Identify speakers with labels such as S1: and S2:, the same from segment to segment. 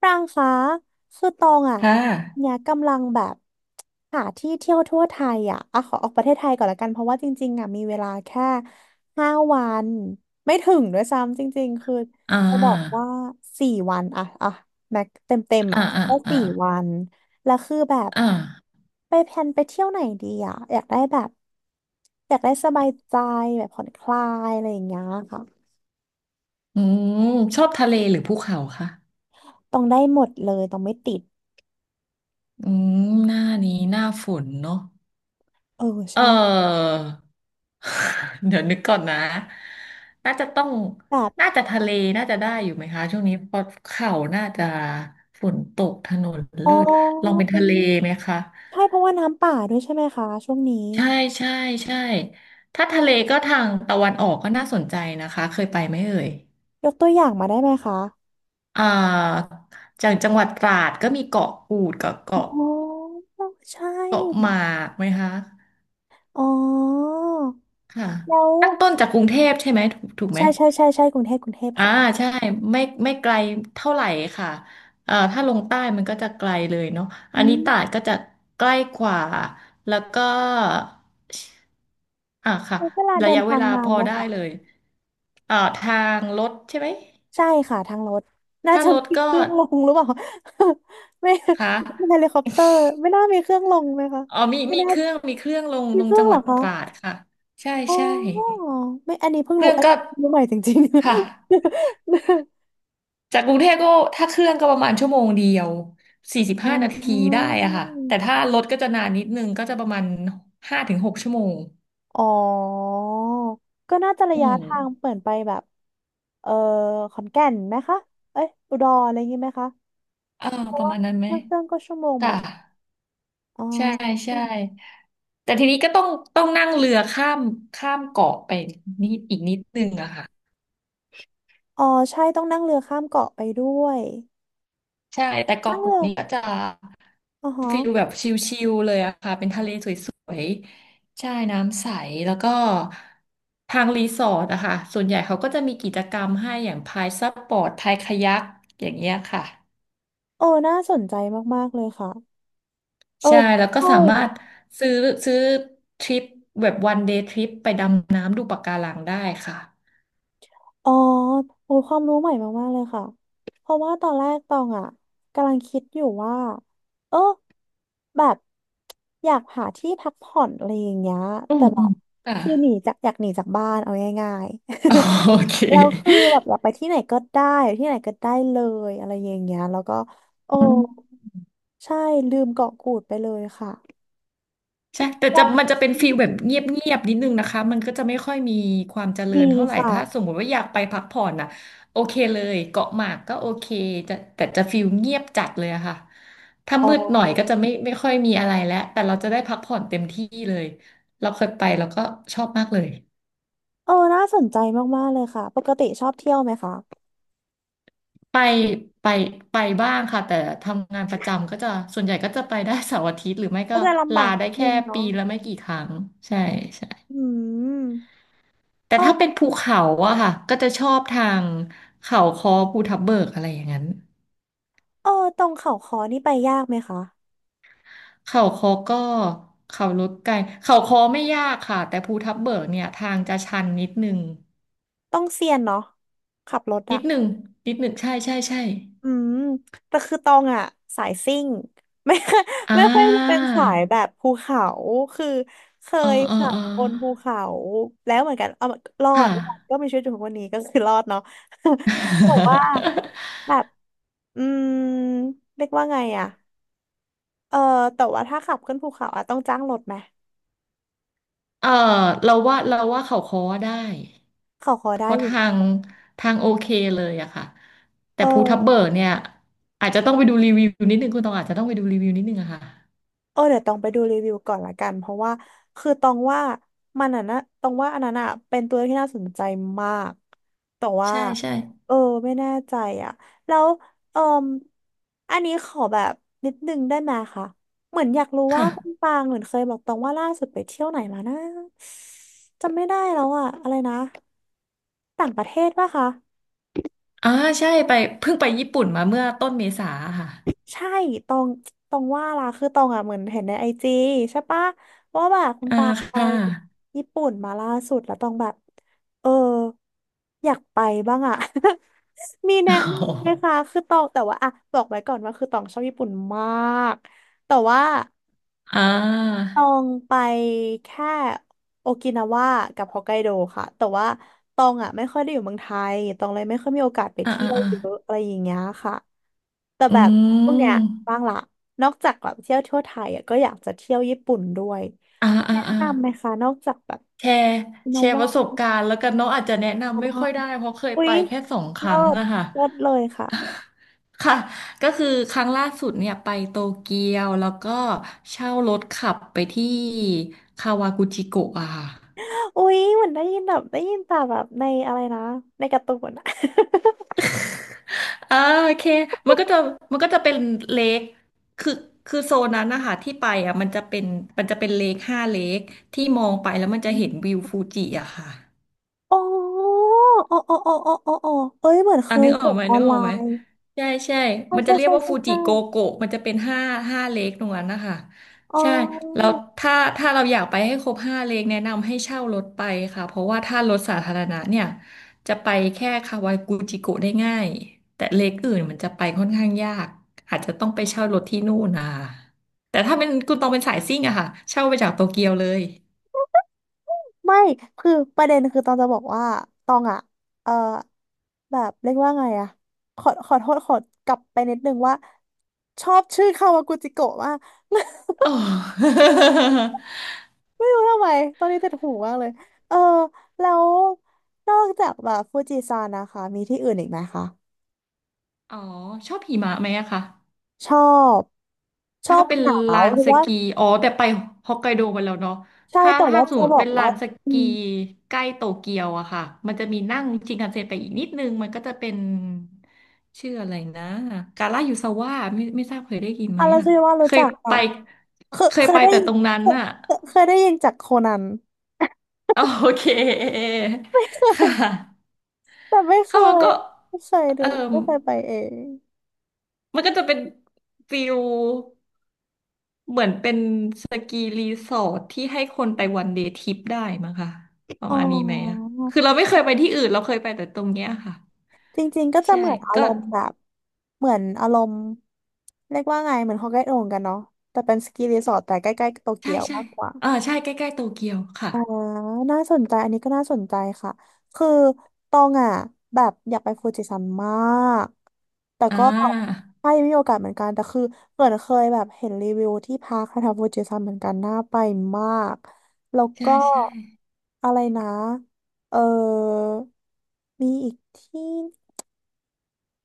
S1: ปรางคะคือตองอ่ะ
S2: ค่ะ
S1: เนี่ยกำลังแบบหาที่เที่ยวทั่วไทยอ่ะอ่ะขอออกประเทศไทยก่อนละกันเพราะว่าจริงๆอ่ะมีเวลาแค่ห้าวันไม่ถึงด้วยซ้ำจริงๆคือ
S2: อ่
S1: จะบอก
S2: า
S1: ว่าสี่วันอ่ะอ่ะแม็กเต็มเต็ม
S2: อ่า
S1: อ่ะ
S2: อ่า
S1: ก็
S2: อ่า
S1: สี่วันแล้วคือแบบ
S2: อ่า
S1: ไปแพลนไปเที่ยวไหนดีอ่ะอยากได้แบบอยากได้สบายใจแบบผ่อนคลายอะไรอย่างเงี้ยค่ะ
S2: อืมชอบทะเลหรือภูเขาคะ
S1: ต้องได้หมดเลยต้องไม่ติด
S2: อืมหน้านี้หน้าฝนเนาะ
S1: เออ
S2: เอ
S1: ใช่
S2: อ เดี๋ยวนึกก่อนนะน่าจะต้อง
S1: แบบ
S2: น่าจะทะเลน่าจะได้อยู่ไหมคะช่วงนี้เพราะเขาน่าจะฝนตกถนน
S1: อ๋อ
S2: ลื่นลองเป็น
S1: ไอ้
S2: ทะเล
S1: นี่
S2: ไหมคะ
S1: ใช่เพราะว่าน้ำป่าด้วยใช่ไหมคะช่วงนี้
S2: ใช่ใช่ใช่ถ้าทะเลก็ทางตะวันออกก็น่าสนใจนะคะเคยไปไหมเอ่ย
S1: ยกตัวอย่างมาได้ไหมคะ
S2: อ่าจากจังหวัดตราดก็มีเกาะกูดกับ
S1: โอ้
S2: เกาะ
S1: โหใช
S2: เกาะหมา
S1: ่
S2: กไหมคะ
S1: อ๋อ
S2: ค่ะ
S1: แล้ว
S2: ตั้งต้นจากกรุงเทพใช่ไหมถูกถูกไหม
S1: ใช่ใช่ใช่ใช่กรุงเทพกรุงเทพ
S2: อ่า
S1: ค่ะ
S2: ใช่ไม่ไม่ไกลเท่าไหร่ค่ะถ้าลงใต้มันก็จะไกลเลยเนาะอั
S1: อื
S2: นนี้
S1: ม
S2: ตราดก็จะใกล้กว่าแล้วก็ค่ะ
S1: ใช้เวลา
S2: ระ
S1: เดิน
S2: ยะเว
S1: ทาง
S2: ลา
S1: นา
S2: พ
S1: น
S2: อ
S1: ไหม
S2: ได้
S1: คะ
S2: เลยทางรถใช่ไหม
S1: ใช่ค่ะทางรถน่า
S2: ถ้า
S1: จะ
S2: รถ
S1: มีเค
S2: ก็
S1: รื่องลงหรือเปล่า ไม่
S2: ค่
S1: ไม่เฮลิ
S2: ะ
S1: คอปเตอร์ไม่น่ามีเครื่องลงไหมคะ
S2: อ๋อมี
S1: ไม่
S2: มี
S1: น่า
S2: เครื่องลง
S1: มี
S2: ลง
S1: เครื่อ
S2: จั
S1: ง
S2: ง
S1: เห
S2: ห
S1: ร
S2: วั
S1: อ
S2: ด
S1: คะ
S2: ตราดค่ะใช่
S1: อ๋
S2: ใช่
S1: อไม่อันนี้เพิ่ง
S2: เค
S1: รู้
S2: รื่อง
S1: อัน
S2: ก็
S1: นี้รู้ใหม่จริง
S2: ค่ะ
S1: ๆ
S2: จากกรุงเทพก็ถ้าเครื่องก็ประมาณชั่วโมงเดียวสี่สิบ
S1: อ๋
S2: ห้านาทีได้
S1: อ
S2: อะค่ะแต่ถ้ารถก็จะนานนิดนึงก็จะประมาณ5-6 ชั่วโมง
S1: อ๋อ ก็น่าจะระ
S2: อื
S1: ยะ
S2: ม
S1: ทางเปลี่ยนไปแบบ เออขอนแก่นไหมคะ เอ้ยอุดรอะไรอย่างงี้ไหมคะ
S2: อ่าประมาณนั้นไหม
S1: นั่งเครื่องก็ชั่วโมงเหมื
S2: ค่ะ
S1: อนกัน อ๋อ
S2: ใช่ใช่
S1: อ
S2: แต่ทีนี้ก็ต้องนั่งเรือข้ามเกาะไปนิดอีกนิดนึงอะค่ะ
S1: ๋อใช่ต้องนั่งเรือข้ามเกาะไปด้วย
S2: ใช่แต่
S1: นั่
S2: เกาะ
S1: ง
S2: กู
S1: เรื
S2: ด
S1: อ
S2: นี่ก็จะ
S1: อ๋อฮะ
S2: ฟิลแบบชิลๆเลยอะค่ะเป็นทะเลสวยๆใช่น้ำใสแล้วก็ทางรีสอร์ทอะค่ะส่วนใหญ่เขาก็จะมีกิจกรรมให้อย่างพายซับปอร์ตพายคายักอย่างเงี้ยค่ะ
S1: เออ น่าสนใจมากๆเลยค่ะ เออ
S2: ใช่แล้วก็
S1: ใช่
S2: สามารถซื้อซื้อทริปแบบวันเดย์ทริปไปดำน้ำดูปะการังได้ค่ะ
S1: อ๋อโอ้ยความรู้ใหม่มากๆเลยค่ะเพราะว่าตอนแรกตองอ่ะกำลังคิดอยู่ว่าเออแบบอยากหาที่พักผ่อนอะไรอย่างเงี้ย
S2: อื
S1: แต่
S2: ม
S1: แบ
S2: อื
S1: บ
S2: มค่ะ
S1: คือหนีจากอยากหนีจากบ้านเอาง่าย
S2: โอเค
S1: ๆ แล้วคือแบบอยากไปที่ไหนก็ได้อยู่ที่ไหนก็ได้เลยอะไรอย่างเงี้ยแล้วก็โอ้ใช่ลืมเกาะกูดไปเลยค่ะ
S2: ใช่แต่
S1: แล้
S2: จะ
S1: ว
S2: มันจะเป็นฟีลแบบเงียบๆนิดนึงนะคะมันก็จะไม่ค่อยมีความเจริ
S1: ดี
S2: ญเท่าไหร่ถ้าส
S1: ค่ะ
S2: มมุติว่าอยากไปพักผ่อนน่ะโอเคเลยเกาะหมากก็โอเคจะแต่จะฟีลเงียบจัดเลยอะค่ะถ้า
S1: อ๋อ
S2: มืดหน่อยก็จะไม่ไม่ค่อยมีอะไรแล้วแต่เราจะได้พักผ่อนเต็มที่เลยเราเคยไปแล้วก็ชอบมากเลย
S1: เออน่าสนใจมากๆเลยค่ะปกติชอบเที่ยวไหมคะ
S2: ไปไปไปบ้างค่ะแต่ทำงานประจำก็จะส่วนใหญ่ก็จะไปได้เสาร์อาทิตย์หรือไม่
S1: ก็
S2: ก็
S1: จะลำบา
S2: ลา
S1: กนิ
S2: ได้
S1: ดนึ
S2: แค่
S1: งเนาะ
S2: ปีละไม่กี่ครั้งใช่
S1: อืม
S2: แต่ถ้าเป็น
S1: เออ
S2: ภูเขาอะค่ะก็จะชอบทางเขาคอภูทับเบิกอะไรอย่างนั้น
S1: เออตรงเขาคอนี่ไปยากไหมคะ
S2: เขาคอก็เขาลดไกลเขาคอไม่ยากค่ะแต่ภูทับเบิกเนี่ยทางจะชันนิดนึง
S1: ต้องเซียนเนาะขับรถ
S2: นิ
S1: อะ
S2: ดนึงใช่ใช่ใช่
S1: อืมแต่คือตองอะสายซิ่ง ไม่ค่อย
S2: อ่
S1: ไม่ค่อยเป็น
S2: า
S1: สายแบบภูเขาคือเค
S2: อ๋อ
S1: ย
S2: อ๋อ
S1: ขับ
S2: อ๋อ
S1: บนภูเขาแล้วเหมือนกันเอารอด
S2: ค่ะ
S1: รอดก็มีชีวิตอยู่ทุกวันนี้ก็คือรอดเนาะ บอกว่า แบบ อืมเรียกว่าไงอะเออแต่ว่าถ้าขับขึ้นภูเขาอะต้องจ้างรถไหม
S2: เออเราว่าเขาค้อได้
S1: เขาขอ
S2: เพ
S1: ได้
S2: ราะ
S1: อยู่
S2: ทางโอเคเลยอะค่ะ
S1: เอ
S2: แต่ภูทับเบิก
S1: อ
S2: เนี่ยอาจจะต้องไปดูรีวิวนิดนึงคุณตองอาจจะต้องไปดูรีวิวนิดนึงอะค่ะ
S1: เออเดี๋ยวต้องไปดูรีวิวก่อนละกันเพราะว่าคือตองว่ามันอ่ะนะตองว่าอันนั้นอ่ะเป็นตัวที่น่าสนใจมากแต่ว่า
S2: ใช่ใช่
S1: เออไม่แน่ใจอ่ะแล้วเออมอันนี้ขอแบบนิดนึงได้ไหมคะเหมือนอยากรู้ว่าคุณ
S2: ค่ะ
S1: ปางเหมือนเคยบอกตองว่าล่าสุดไปเที่ยวไหนมานะจำไม่ได้แล้วอ่ะอะไรนะต่างประเทศปะคะ
S2: อ่าใช่ไปเพิ่งไปญี่ปุ่นมาเมื่อต้นเมษาค่ะ
S1: ใช่ตองตองว่าล่ะคือตองอ่ะเหมือนเห็นในไอจีใช่ปะว่าแบบคุณ
S2: อ่า
S1: ปาไป
S2: ค่ะ
S1: ญี่ปุ่นมาล่าสุดแล้วตองแบบเอออยากไปบ้างอ่ะ มีแนะ
S2: โอ้
S1: นำไห
S2: โห
S1: มคะคือตองแต่ว่าอ่ะบอกไว้ก่อนว่าคือตองชอบญี่ปุ่นมาก แต่ว่า
S2: อ่า
S1: ตองไปแค่โอกินาวากับฮอกไกโดค่ะแต่ว่าตองอ่ะไม่ค่อยได้อยู่เมืองไทยตองเลยไม่ค่อยมีโอกาสไป
S2: อ่า
S1: เที่
S2: อ่า
S1: ยว
S2: อ่า
S1: เยอะอะไรอย่างเงี้ยค่ะแต่
S2: อื
S1: แบบช่วงเนี้ย
S2: ม
S1: บ้างละนอกจากแบบเที่ยวทั่วไทยอ่ะก็อยากจะเที่ยวญี่ปุ่นด้วย
S2: อ่าอ่า
S1: แนะ
S2: อ่า
S1: นำไหมคะนอกจากแบบ
S2: แชร์
S1: นา
S2: ป
S1: วา
S2: ระสบการณ์แล้วกันเนาะอาจจะแนะ
S1: ก็
S2: นำไม่
S1: ได้
S2: ค่อยได้เพราะเคย
S1: อุ๊
S2: ไป
S1: ย
S2: แค่สองค
S1: เลิ
S2: รั้ง
S1: ศ
S2: อะค่ะ
S1: เลิศเลยค่ะ
S2: ค่ะก็คือครั้งล่าสุดเนี่ยไปโตเกียวแล้วก็เช่ารถขับไปที่คาวากุจิโกะอะค่ะ
S1: อุ๊ยเหมือนได้ยินแบบได้ยินแต่แบบในอะไรนะในการ์ตูนอะ
S2: อ่าโอเคมันก็จะมันก็จะเป็นเลคคือคือโซนนั้นนะคะที่ไปอ่ะมันจะเป็นเลคห้าเลคที่มองไปแล้วมันจะเห็นวิ วฟูจิอะค่ะ
S1: โอ๋ออ๋อ อ๋ออ๋ออ๋ออโอเอ้ย เหมือนเค
S2: อ่ะ
S1: ย
S2: นึกออ
S1: เห็
S2: ก
S1: น
S2: ไหม
S1: ออนไลน์
S2: ใช่ใช่
S1: ใช่
S2: มันจะ
S1: ใช่
S2: เรียก
S1: ใช่
S2: ว่า
S1: ใช่
S2: ฟูจิ
S1: ใช่
S2: โกโกะมันจะเป็นห้าเลคตรงนั้นนะคะ
S1: อ๋
S2: ใช่แล้ว
S1: อ
S2: ถ้าเราอยากไปให้ครบห้าเลคแนะนำให้เช่ารถไปค่ะเพราะว่าถ้ารถสาธารณะเนี่ยจะไปแค่คาวากุจิโกะได้ง่ายแต่เลคอื่นมันจะไปค่อนข้างยากอาจจะต้องไปเช่ารถที่นู่นนะคะแต่ถ้าเป็นคุณต้องเป็นสายซิ่งอะค่ะเช่าไปจากโตเกียวเลย
S1: ไม่ คือประเด็นคือตองจะบอกว่า ตองอะเออแบบเรียกว่าไงอะขอขอโทษขอกลับไปนิดนึงว่า ชอบชื่อคาวากุจิโกะมาก
S2: อ๋อ
S1: ไม่รู้ทำไม ตอนนี้ติดหูมากเลย เออ แล้ว นอกจากแบบฟูจิซานนะคะ มีที่อื่นอีกไหมคะ
S2: อ๋อชอบหิมะไหมอะคะ
S1: ชอบ ชอ
S2: ถ้า
S1: บ
S2: เป็น
S1: หนา
S2: ลา
S1: ว
S2: น
S1: หรือ
S2: ส
S1: ว่า
S2: กีอ๋อแต่ไปฮอกไกโดมาแล้วเนาะ
S1: ใช่
S2: ถ้า
S1: แต่ว่า
S2: สม
S1: จะ
S2: ม
S1: บ
S2: ติ
S1: อ
S2: เป็
S1: ก
S2: นลา
S1: ว่า
S2: นส
S1: อื
S2: กี
S1: ม
S2: ใกล้โตเกียวอะค่ะมันจะมีนั่งชินคันเซ็นไปอีกนิดนึงมันก็จะเป็นชื่ออะไรนะกาลายูซาวะไม่ทราบเคยได้ยินไหม
S1: อะไร
S2: อะ
S1: ที่ว่า
S2: เค
S1: รู้
S2: ย
S1: จักอ่ะ
S2: ไป
S1: เคยเคยได้
S2: แต่
S1: ยิน
S2: ตรงนั้น
S1: เคย
S2: อะ
S1: เคยได้ยินจากโคนัน
S2: โอเค
S1: เค
S2: ค่ะ
S1: ยแต่ไม่เค
S2: เข้ามัน
S1: ย
S2: ก็
S1: ไม่เคย
S2: เออ
S1: ดูไม่เคยไปเอง
S2: มันก็จะเป็นฟิลเหมือนเป็นสกีรีสอร์ทที่ให้คนไปวันเดย์ทริปได้มั้งค่ะประ
S1: อ๋
S2: มาณนี้ไหมอะ
S1: อ
S2: คือเราไม่เคยไปที่อื่นเราเคยไปแต่ตรงเนี้ยค่ะ
S1: จริงๆก็จะ
S2: ใช่
S1: เหมือนอา
S2: ก็
S1: รมณ์แบบเหมือนอารมณ์เรียกว่าไงเหมือนฮอกไกโดเหมือนกันเนาะแต่เป็นสกีรีสอร์ทแต่ใกล้ๆโต
S2: ใช่
S1: เกียว
S2: ใช่
S1: มากกว่า
S2: ใช่ใกล้ๆโตเกียวค่ะ
S1: อ่าน่าสนใจอันนี้ก็น่าสนใจค่ะ คือตองอ่ะแบบอยากไปฟูจิซันมาก แต่
S2: อ่
S1: ก็
S2: า
S1: ใช่มีโอกาสเหมือนกันแต่คือเหมือนเคยแบบเห็นรีวิวที่พักแถวๆฟูจิซันเหมือนกันน่าไปมาก แล้ว
S2: ใช่
S1: ก็
S2: ใช่
S1: อะไรนะเออ มีอีกที่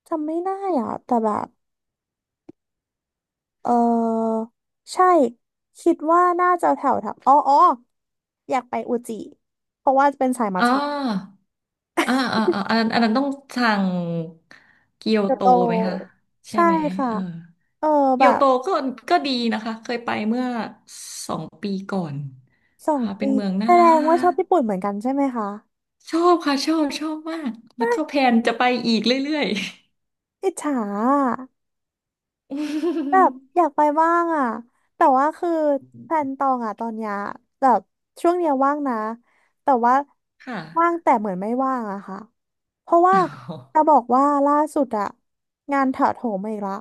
S1: จำไม่ได้อ่ะแต่แบบเออใช่คิดว่าน่าจะแถวแถวอ๋ออ๋ออยากไปอุจิเพราะว่าเป็นสายมัท
S2: อ๋
S1: ฉะ
S2: ออันนั้นต้องสั่งเกียว
S1: เกียว
S2: โต
S1: โต
S2: ไหมคะ ใช่
S1: ใช่
S2: ไหม
S1: ค่ะ
S2: เออ
S1: เออ
S2: เกี
S1: แบ
S2: ยว
S1: บ
S2: โตก็ดีนะคะ เคยไปเมื่อ2 ปีก่อน
S1: สอง
S2: ค่ะ เป็น
S1: ปี
S2: เมืองน่า
S1: แสด
S2: รั
S1: งว่าชอบ
S2: ก
S1: ญี่ปุ่นเหมือนกันใช่ไหมคะ
S2: ชอบค่ะ ชอบ ชอบมาก แล้วก็
S1: ใช่
S2: แพลนจะไปอีกเรื่อย
S1: อิจฉาอะแบบอยากไปบ้างอ่ะแต่ว่าคือแพลนตองอ่ะตอนเนี้ยแบบช่วงเนี้ยว่างนะแต่ว่า
S2: ๆ ค่ะ
S1: ว่างแต่เหมือนไม่ว่างอะค่ะเพราะว่า
S2: อ
S1: จะ
S2: อ
S1: บอกว่าล่าสุดอะงานถาโถมมาอีกละ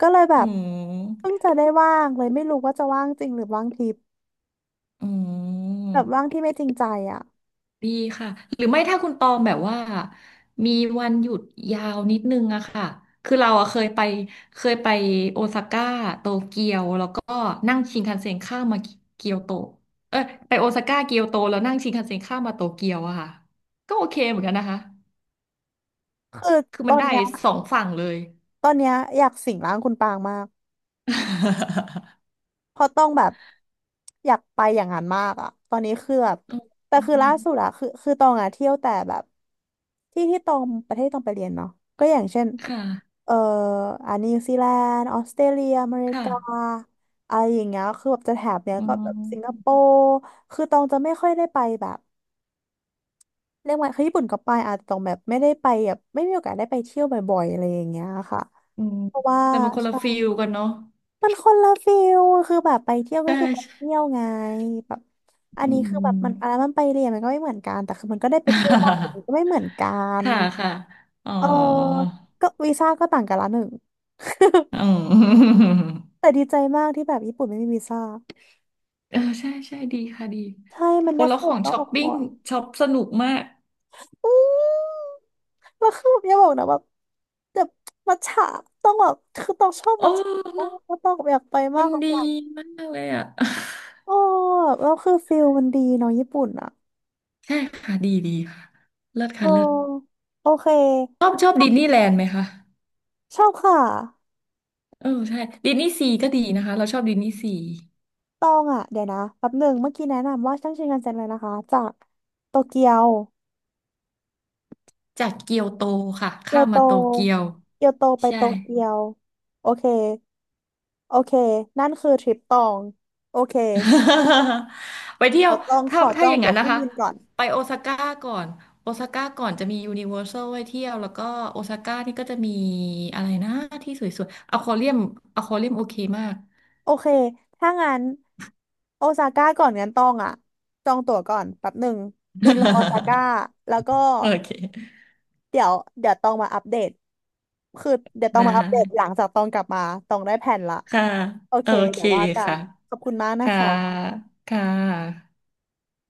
S1: ก็เลยแบ
S2: อื
S1: บเพิ่
S2: ม
S1: งจะได้ว่างเลยไม่รู้ว่าจะว่างจริงหรือว่างทิพย์
S2: อื
S1: แบบว่า
S2: ม
S1: งที่ไม่จริงใจอะ
S2: ดีค่ะหรือไม่ถ้าคุณตองแบบว่ามีวันหยุดยาวนิดนึงอะค่ะคือเราอะเคยไปเคยไปโอซาก้าโตเกียวแล้วก็นั่งชินคันเซ็นข้ามมาเกียวโตเออไปโอซาก้าเกียวโตแล้วนั่งชินคันเซ็นข้ามมาโตเกียวอะค่ะก็โอเคเหมือนกันนะคะคือ
S1: ต
S2: มั
S1: อ
S2: น
S1: น
S2: ได้
S1: เนี้ย
S2: สองฝั่งเลย
S1: ตอนเนี้ยอยากสิงร่างคุณปางมาก เพราะต้องแบบอยากไปอย่างนั้นมากอะตอนนี้คือแบบแต่
S2: อื
S1: คือ
S2: ม
S1: ล่าสุดอะคือตองอะเที่ยวแต่แบบที่ที่ตองประเทศที่ตองไปเรียนเนาะก็อย่างเช่น
S2: ค่ะ
S1: เอ่ออันนิวซีแลนด์ออสเตรเลียอเมริ
S2: ค
S1: กา
S2: ่ะ
S1: อะไรอย่างเงี้ยคือแบบจะแถบเนี้ย
S2: อื
S1: ก็แบบสิงคโป
S2: ม
S1: ร์คือตองจะไม่ค่อยได้ไปแบบเรียกว่าคือญี่ปุ่นก็ไปอาจจะตองแบบไม่ได้ไปแบบไม่มีโอกาสได้ไปเที่ยวบ่อยๆอะไรอย่างเงี้ยค่ะ
S2: อืม
S1: เพราะว่า
S2: แต่มันคนละฟิลกันเนาะ
S1: มันคนละฟิลคือแบบไปเที่ยวก็
S2: ใช่
S1: คือไปเที่
S2: ใช่
S1: ยวไงแบบอัน
S2: อื
S1: นี้คือแบบ
S2: ม
S1: มันอะไรมันไปเรียนมันก็ไม่เหมือนกันแต่คือมันก็ได้ไปเที่ยวบ้างแต่มันก็ไม่ เหมือนกัน
S2: ค่ะค่ะ อ๋อ
S1: เออก็วีซ่าก็ต่างกันละหนึ่ง
S2: อ๋อ
S1: แต่ดีใจมากที่แบบญี่ปุ่นไม่มีวีซ่า
S2: เออใช่ใช่ดีค่ะดี
S1: ใช่มัน
S2: โอ้
S1: ได้
S2: แล้วข
S1: เข้าอ
S2: อ
S1: อก
S2: ง
S1: นอก
S2: ช้อ
S1: อ
S2: ป
S1: อกหม
S2: ปิ้ง
S1: ด
S2: ช็อปสนุกมาก
S1: อืมแล้วคืออย่าบอกนะแบบแบบมัทฉะต้องแบบคือต้องชอบ
S2: โอ้
S1: มัทฉะต้อง
S2: เนาะ
S1: ต้องอยากไปมา
S2: มั
S1: ก
S2: น
S1: ก็
S2: ดี
S1: อยาก
S2: มากเลยอ่ะ
S1: โอ้แล้วคือฟิลมันดีเนาะญี่ปุ่นอะ
S2: ใช่ค่ะดีดีค่ะเลิศ
S1: โอ
S2: ค่ะเลิศ
S1: โอเค
S2: ชอบชอบดิสนีย์แลนด์ไหมคะ
S1: ชอบค่ะ
S2: เออใช่ดิสนีย์ซีก็ดีนะคะเราชอบดิสนีย์ซี
S1: ตองอ่ะเดี๋ยวนะแป๊บหนึ่งเมื่อกี้แนะนำว่าชั้งชินกันเซ็นเลยนะคะจากโตเกียว
S2: จากเกียวโตค่ะ
S1: เกี
S2: ข้า
S1: ยว
S2: ม
S1: โต
S2: มาโตเกียว
S1: เกียวโตไป
S2: ใช่
S1: โตเกียวโอเคโอเคนั่นคือทริปตองโอเค
S2: ไปเที่ย
S1: เดี๋
S2: ว
S1: ยวตองข
S2: ถ้า
S1: อจอ
S2: อ
S1: ง
S2: ย่าง
S1: ตั๋
S2: นั้
S1: ว
S2: น
S1: เค
S2: นะ
S1: รื่อง
S2: คะ
S1: บินก่อน
S2: ไปโอซาก้าก่อนโอซาก้าก่อนจะมียูนิเวอร์แซลไว้เที่ยวแล้วก็โอซาก้านี่ก็จะมีอะไรนะที่สวยๆอควาเรียมอควาเรียมโอเคมาก
S1: โอเคถ้างั้นโอซาก้าก่อนงั้นตองอ่ะจองตั๋วก่อนแป๊บหนึ่งบินลงโอซาก้าแล้วก็
S2: โอเค
S1: เดี๋ยวเดี๋ยวต้องมาอัปเดตคือเดี๋ยวต้อง
S2: ได้
S1: มาอัปเดตหลังจากตองกลับมาตองได้แผนละ
S2: ค่ะ
S1: โอ
S2: โอ
S1: เค
S2: เค
S1: เดี๋ยวว่ากัน
S2: ค่ะ
S1: ขอบคุณมากนะ
S2: ค่ะ
S1: คะ
S2: ค่ะ